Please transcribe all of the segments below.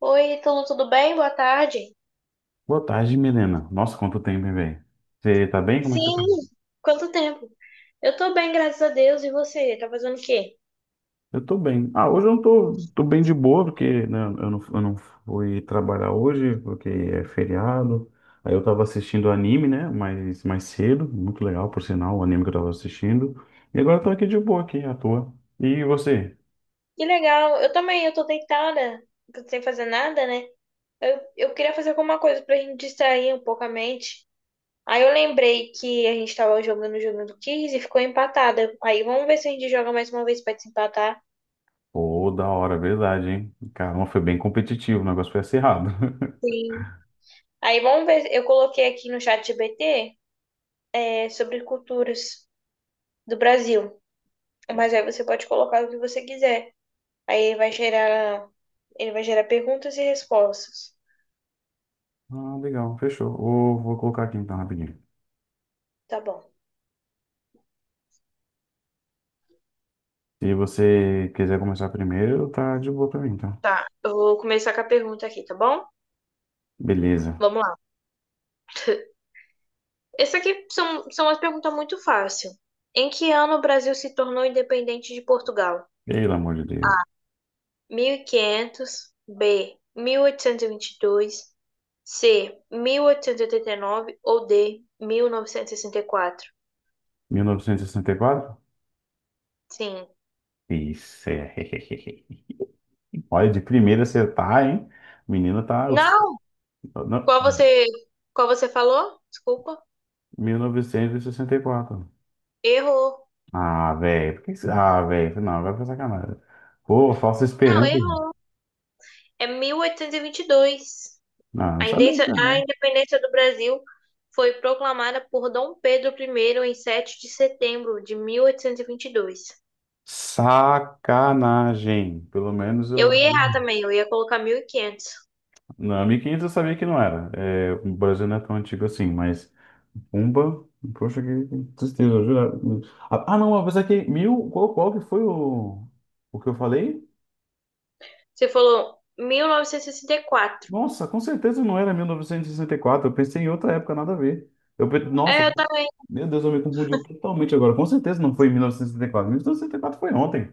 Oi, Ítalo, tudo bem? Boa tarde. Boa tarde, Milena. Nossa, quanto tempo, hein, velho? Você tá bem? Como é que você tá? Sim, quanto tempo? Eu tô bem, graças a Deus. E você? Tá fazendo o quê? Eu tô bem. Ah, hoje eu não tô, tô bem de boa, porque né, eu não fui trabalhar hoje, porque é feriado. Aí eu tava assistindo anime, né? Mais cedo, muito legal, por sinal, o anime que eu tava assistindo. E agora eu tô aqui de boa, aqui, à toa. E você? Que legal. Eu também, eu tô deitada, sem fazer nada, né? Eu queria fazer alguma coisa pra gente distrair um pouco a mente. Aí eu lembrei que a gente tava jogando o jogo do Kiss e ficou empatada. Aí vamos ver se a gente joga mais uma vez pra desempatar. Pô, da hora, verdade, hein? Caramba, foi bem competitivo, o negócio foi acirrado. Sim. Aí vamos ver, eu coloquei aqui no chat GBT, sobre culturas do Brasil. Mas aí você pode colocar o que você quiser. Aí ele vai gerar perguntas e respostas. Ah, legal, fechou. Vou colocar aqui então, rapidinho. Tá bom. Se você quiser começar primeiro, tá de boa pra mim, tá? Tá, eu vou começar com a pergunta aqui, tá bom? Beleza. Vamos lá. Essa aqui são umas perguntas muito fáceis. Em que ano o Brasil se tornou independente de Portugal? Pelo amor de Deus. 1500, B, Mil oitocentos e vinte e dois, C, Mil oitocentos e oitenta e nove ou D, Mil novecentos e sessenta e quatro. Mil novecentos e sessenta e quatro. Sim. Isso é. Olha, de primeira você tá, hein? O menino tá. Não! Não, Qual você, qual você falou? Desculpa. 1964. Errou. Ah, velho. Por que você... Ah, velho. Não, vai pra sacanagem. Pô, falsa Não, esperança. errou. É mil oitocentos e vinte e dois. Não, não sabia, disso, A não. independência do Brasil foi proclamada por Dom Pedro I em 7 de setembro de 1822. Sacanagem. Pelo menos eu Eu ia errar também, eu ia colocar 1500. na. Não, 1500 eu sabia que não era. É, o Brasil não é tão antigo assim, mas Pumba, poxa, que tristeza, eu juro. Ah, ah, não, apesar que mil, qual, qual que foi o que eu falei? Você falou 1964. Nossa, com certeza não era mil novecentos e sessenta e quatro, eu pensei em outra época, nada a ver. Eu, pe- nossa, É, eu também. meu Deus, eu me confundi totalmente agora. Com certeza não foi em 1964, 1964 foi ontem.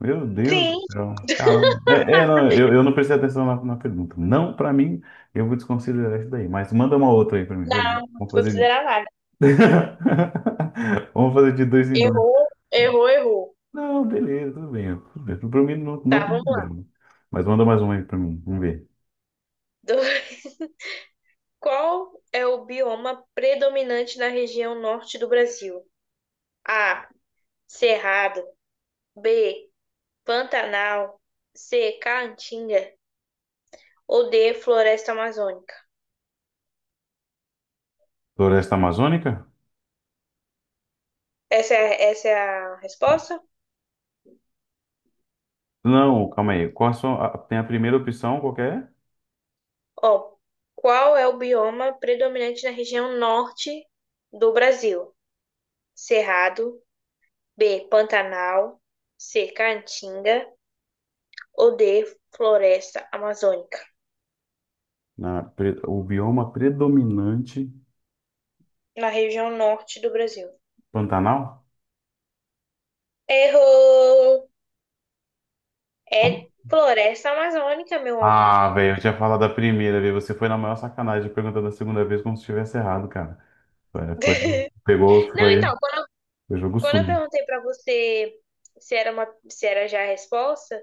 Meu Deus Sim, do céu. Caramba. É, é, não, eu não prestei atenção na pergunta. Não, pra mim, eu vou desconsiderar isso daí. Mas manda uma outra aí pra mim, vai. não, não Vamos fazer. considerar nada. Vamos fazer de dois em dois. Errou, errou, errou. Não, beleza, tudo bem. Tudo bem. Pra mim, não, Tá, não tem vamos lá. problema. Mas manda mais uma aí pra mim, vamos ver. Qual é o bioma predominante na região norte do Brasil? A. Cerrado. B. Pantanal. C. Caatinga. Ou D, floresta amazônica? Floresta Amazônica? Essa é a Ah, resposta? não, calma aí. Qual a sua, a- tem a primeira opção, qual que é? Ó, qual é o bioma predominante na região norte do Brasil? Cerrado, B, Pantanal, C, Caatinga ou D, floresta amazônica? Na, pre- o bioma predominante. Na região norte do Brasil. Pantanal? Errou! É floresta amazônica, meu Ah, amor. velho, eu tinha falado da primeira vez. Você foi na maior sacanagem perguntando a segunda vez como se tivesse errado, cara. Foi, foi- pegou, Não, foi, então, quando, foi jogo quando eu sujo. perguntei pra você se era já a resposta,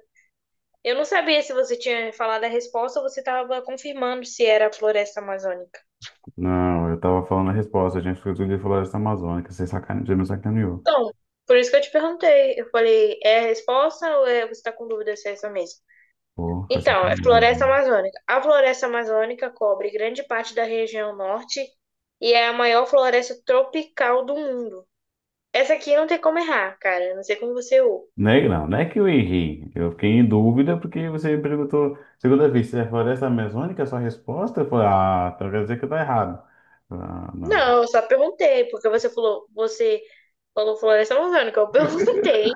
eu não sabia se você tinha falado a resposta ou você estava confirmando se era a floresta amazônica. Não, eu tava falando a resposta. A gente foi tudo de floresta amazônica. Você sacane... você me sacaneou. Então, por isso que eu te perguntei. Eu falei, é a resposta ou você está com dúvida se é essa mesmo? Pô, foi Então, é floresta sacanagem. amazônica. A floresta amazônica cobre grande parte da região norte e é a maior floresta tropical do mundo. Essa aqui não tem como errar, cara. Eu não sei como você errou. Não é, não, não é que eu errei. Eu fiquei em dúvida porque você me perguntou segunda vez se é floresta amazônica, a sua resposta? Eu falei, ah, então quer dizer que tá errado. Ah, não. Não, eu só perguntei, porque você falou floresta amazônica. Eu perguntei.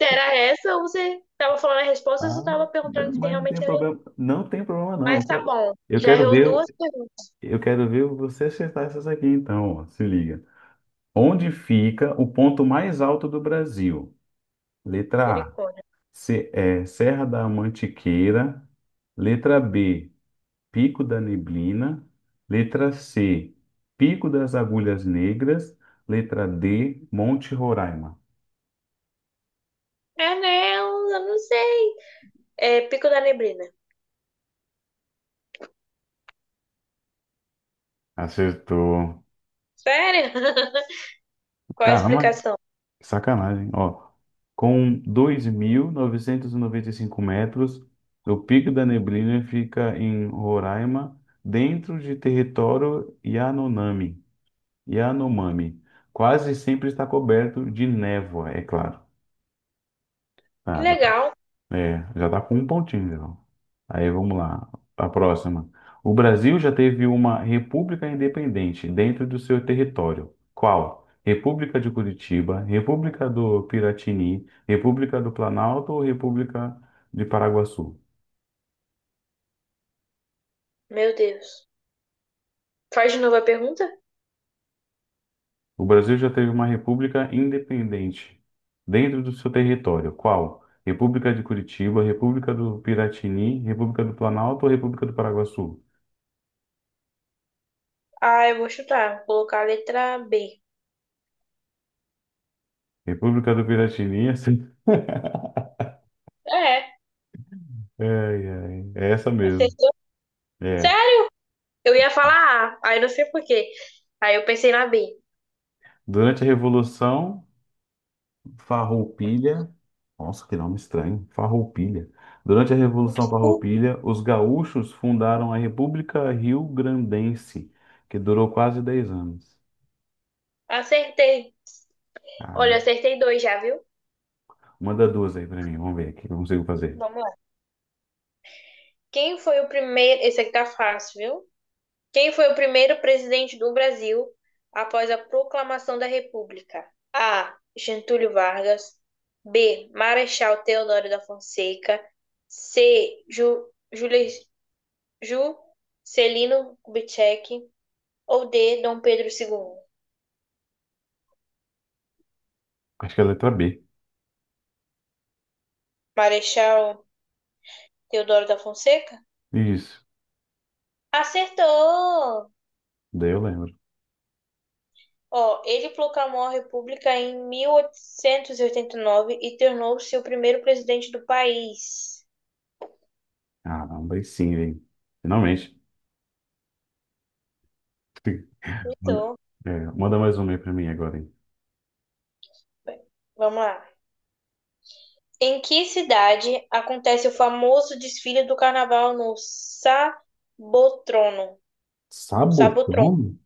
Era essa ou você tava falando a resposta ou Ah, você tava perguntando se mas não tem realmente era isso? problema. Não tem problema, não. Eu Mas tá quero bom, eu já quero errou duas ver. perguntas, Eu quero ver você acertar essas aqui, então. Ó, se liga. Onde fica o ponto mais alto do Brasil? Letra A, misericórdia. se- é, Serra da Mantiqueira. Letra B, Pico da Neblina. Letra C, Pico das Agulhas Negras. Letra D, Monte Roraima. Não, eu não sei. É Pico da Neblina. Acertou. Sério? Qual a Caramba, explicação? sacanagem, ó. Com dois mil novecentos e noventa e cinco metros, o Pico da Neblina fica em Roraima, dentro de território Yanomami. Yanomami. Quase sempre está coberto de névoa, é claro. Que Ah, legal. é, já tá com um pontinho, então. Aí vamos lá, a próxima. O Brasil já teve uma república independente dentro do seu território. Qual? República de Curitiba, República do Piratini, República do Planalto ou República de Paraguaçu? Meu Deus. Faz de novo a pergunta? O Brasil já teve uma república independente dentro do seu território. Qual? República de Curitiba, República do Piratini, República do Planalto ou República do Paraguaçu? Ah, eu vou chutar. Vou colocar a letra B. República do Piratini. É, Ai, ai. É essa mesmo. acertou. É. Sério? Eu ia falar A, aí não sei por quê. Aí eu pensei na B. Durante a Revolução Farroupilha, nossa, que nome estranho, Farroupilha. Durante a Revolução Uh, Farroupilha, os gaúchos fundaram a República Rio-Grandense, que durou quase 10 anos. acertei. Olha, Caramba. acertei dois já, viu? Manda duas aí pra mim, vamos ver o que eu consigo fazer. Vamos lá. Quem foi o primeiro? Esse aqui tá fácil, viu? Quem foi o primeiro presidente do Brasil após a proclamação da República? A. Getúlio Vargas. B. Marechal Deodoro da Fonseca. C. Juscelino Kubitschek. Ou D. Dom Pedro II. Acho que é a letra B. Marechal Deodoro da Fonseca? Isso, Acertou! daí eu lembro. Ó, ele proclamou a República em mil oitocentos e oitenta e nove e tornou-se o primeiro presidente do país. Caramba, aí sim, hein? Finalmente. Manda, Então é, manda mais uma aí pra mim agora, hein? vamos lá. Em que cidade acontece o famoso desfile do carnaval no Sabotrono? Sabotrono. Sabotão?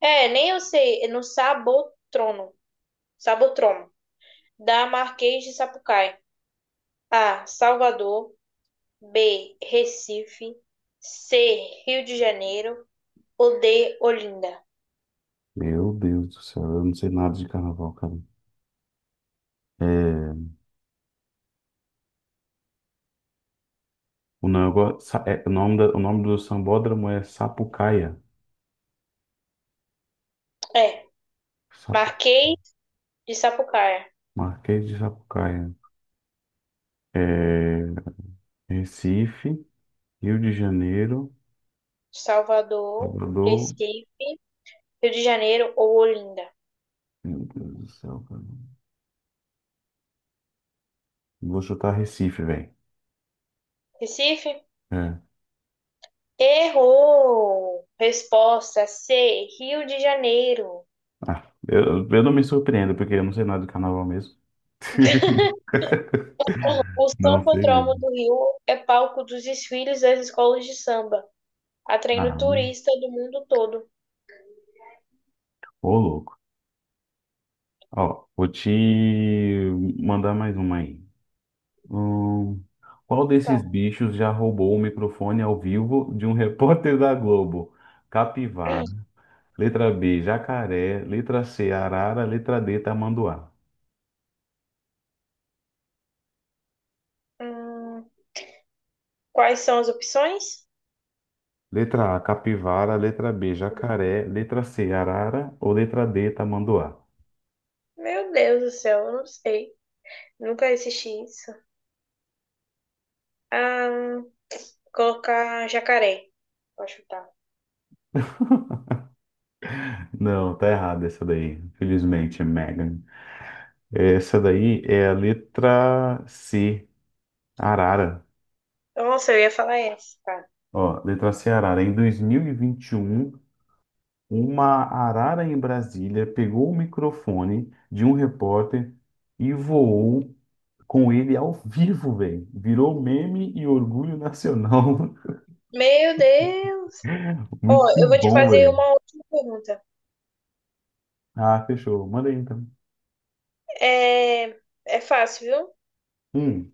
É, nem eu sei. É no Sabotrono. Sabotrono. Da Marquês de Sapucaí. A. Salvador. B. Recife. C. Rio de Janeiro. Ou D. Olinda. Meu Deus do céu, eu não sei nada de carnaval, cara. É, o, nego- sa- é, o nome da- o nome do sambódromo é Sapucaia. É. Sapu- Marquês de Sapucaí. Marquês de Sapucaia. É, Recife, Rio de Janeiro, Salvador. Salvador. Recife. Rio de Janeiro ou Olinda. Meu Deus do céu, cara. Vou chutar Recife, velho. Recife? É. Errou! Resposta C, Rio de Janeiro. Ah, eu não me surpreendo, porque eu não sei nada de carnaval mesmo. O Não sei Sambódromo mesmo. do Rio é palco dos desfiles das escolas de samba, atraindo Ah, turista do mundo todo. ô louco. Ó, vou te mandar mais uma aí. Hum, qual desses Tá. bichos já roubou o microfone ao vivo de um repórter da Globo? Capivara. Letra B, jacaré. Letra C, arara. Letra D, tamanduá. Hum, quais são as opções? Letra A, capivara. Letra B, jacaré. Letra C, arara. Ou letra D, tamanduá? Meu Deus do céu, eu não sei. Nunca assisti isso. Ah, colocar jacaré. Vou chutar. Não, tá errado essa daí. Infelizmente, Megan. Essa daí é a letra C, arara. Nossa, eu ia falar essa, cara. Ó, letra C, arara. Em 2021. Uma arara em Brasília pegou o microfone de um repórter e voou com ele ao vivo, velho. Virou meme e orgulho nacional. Meu Deus! Ó, Muito eu vou te bom, fazer velho. uma última pergunta. Ah, fechou. Manda aí então. É, é fácil, viu? Hum,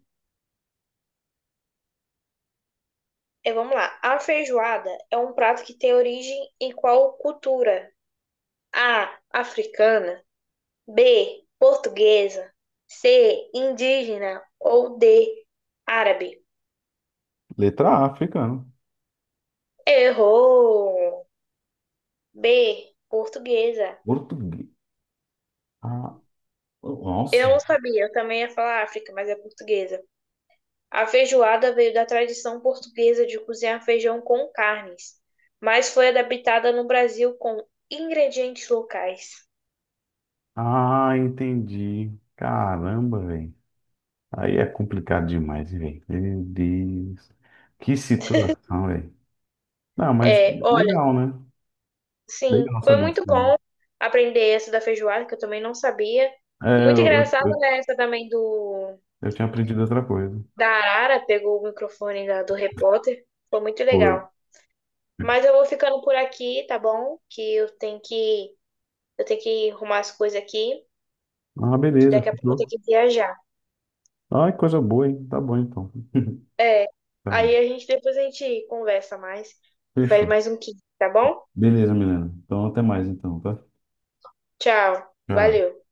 É, vamos lá. A feijoada é um prato que tem origem em qual cultura? A. Africana. B. Portuguesa. C. Indígena. Ou D. Árabe. letra A, africano. Errou! B. Portuguesa. Português. Ah, Eu nossa. não sabia, eu também ia falar África, mas é portuguesa. A feijoada veio da tradição portuguesa de cozinhar feijão com carnes, mas foi adaptada no Brasil com ingredientes locais. Ah, entendi. Caramba, velho. Aí é complicado demais, velho. Meu Deus. Que situação, velho. Não, mas É, olha. legal, né? Sim, Legal foi saber disso muito aí. bom aprender essa da feijoada, que eu também não sabia. E É, muito eu, eu, engraçado eu né, essa também do eu tinha aprendido outra coisa. da Arara, pegou o microfone do repórter. Foi muito Foi. legal. Mas eu vou ficando por aqui, tá bom? Que eu tenho que eu tenho que arrumar as coisas aqui, Ah, que beleza, daqui a pouco eu tenho fechou. que viajar. Ai, coisa boa, hein? Tá bom então. É. Tá bom. Aí a gente depois a gente conversa mais, faz Fechou. mais um kit, tá bom? Beleza, Milena. Então até mais então, tá? Tchau. Tchau. Valeu.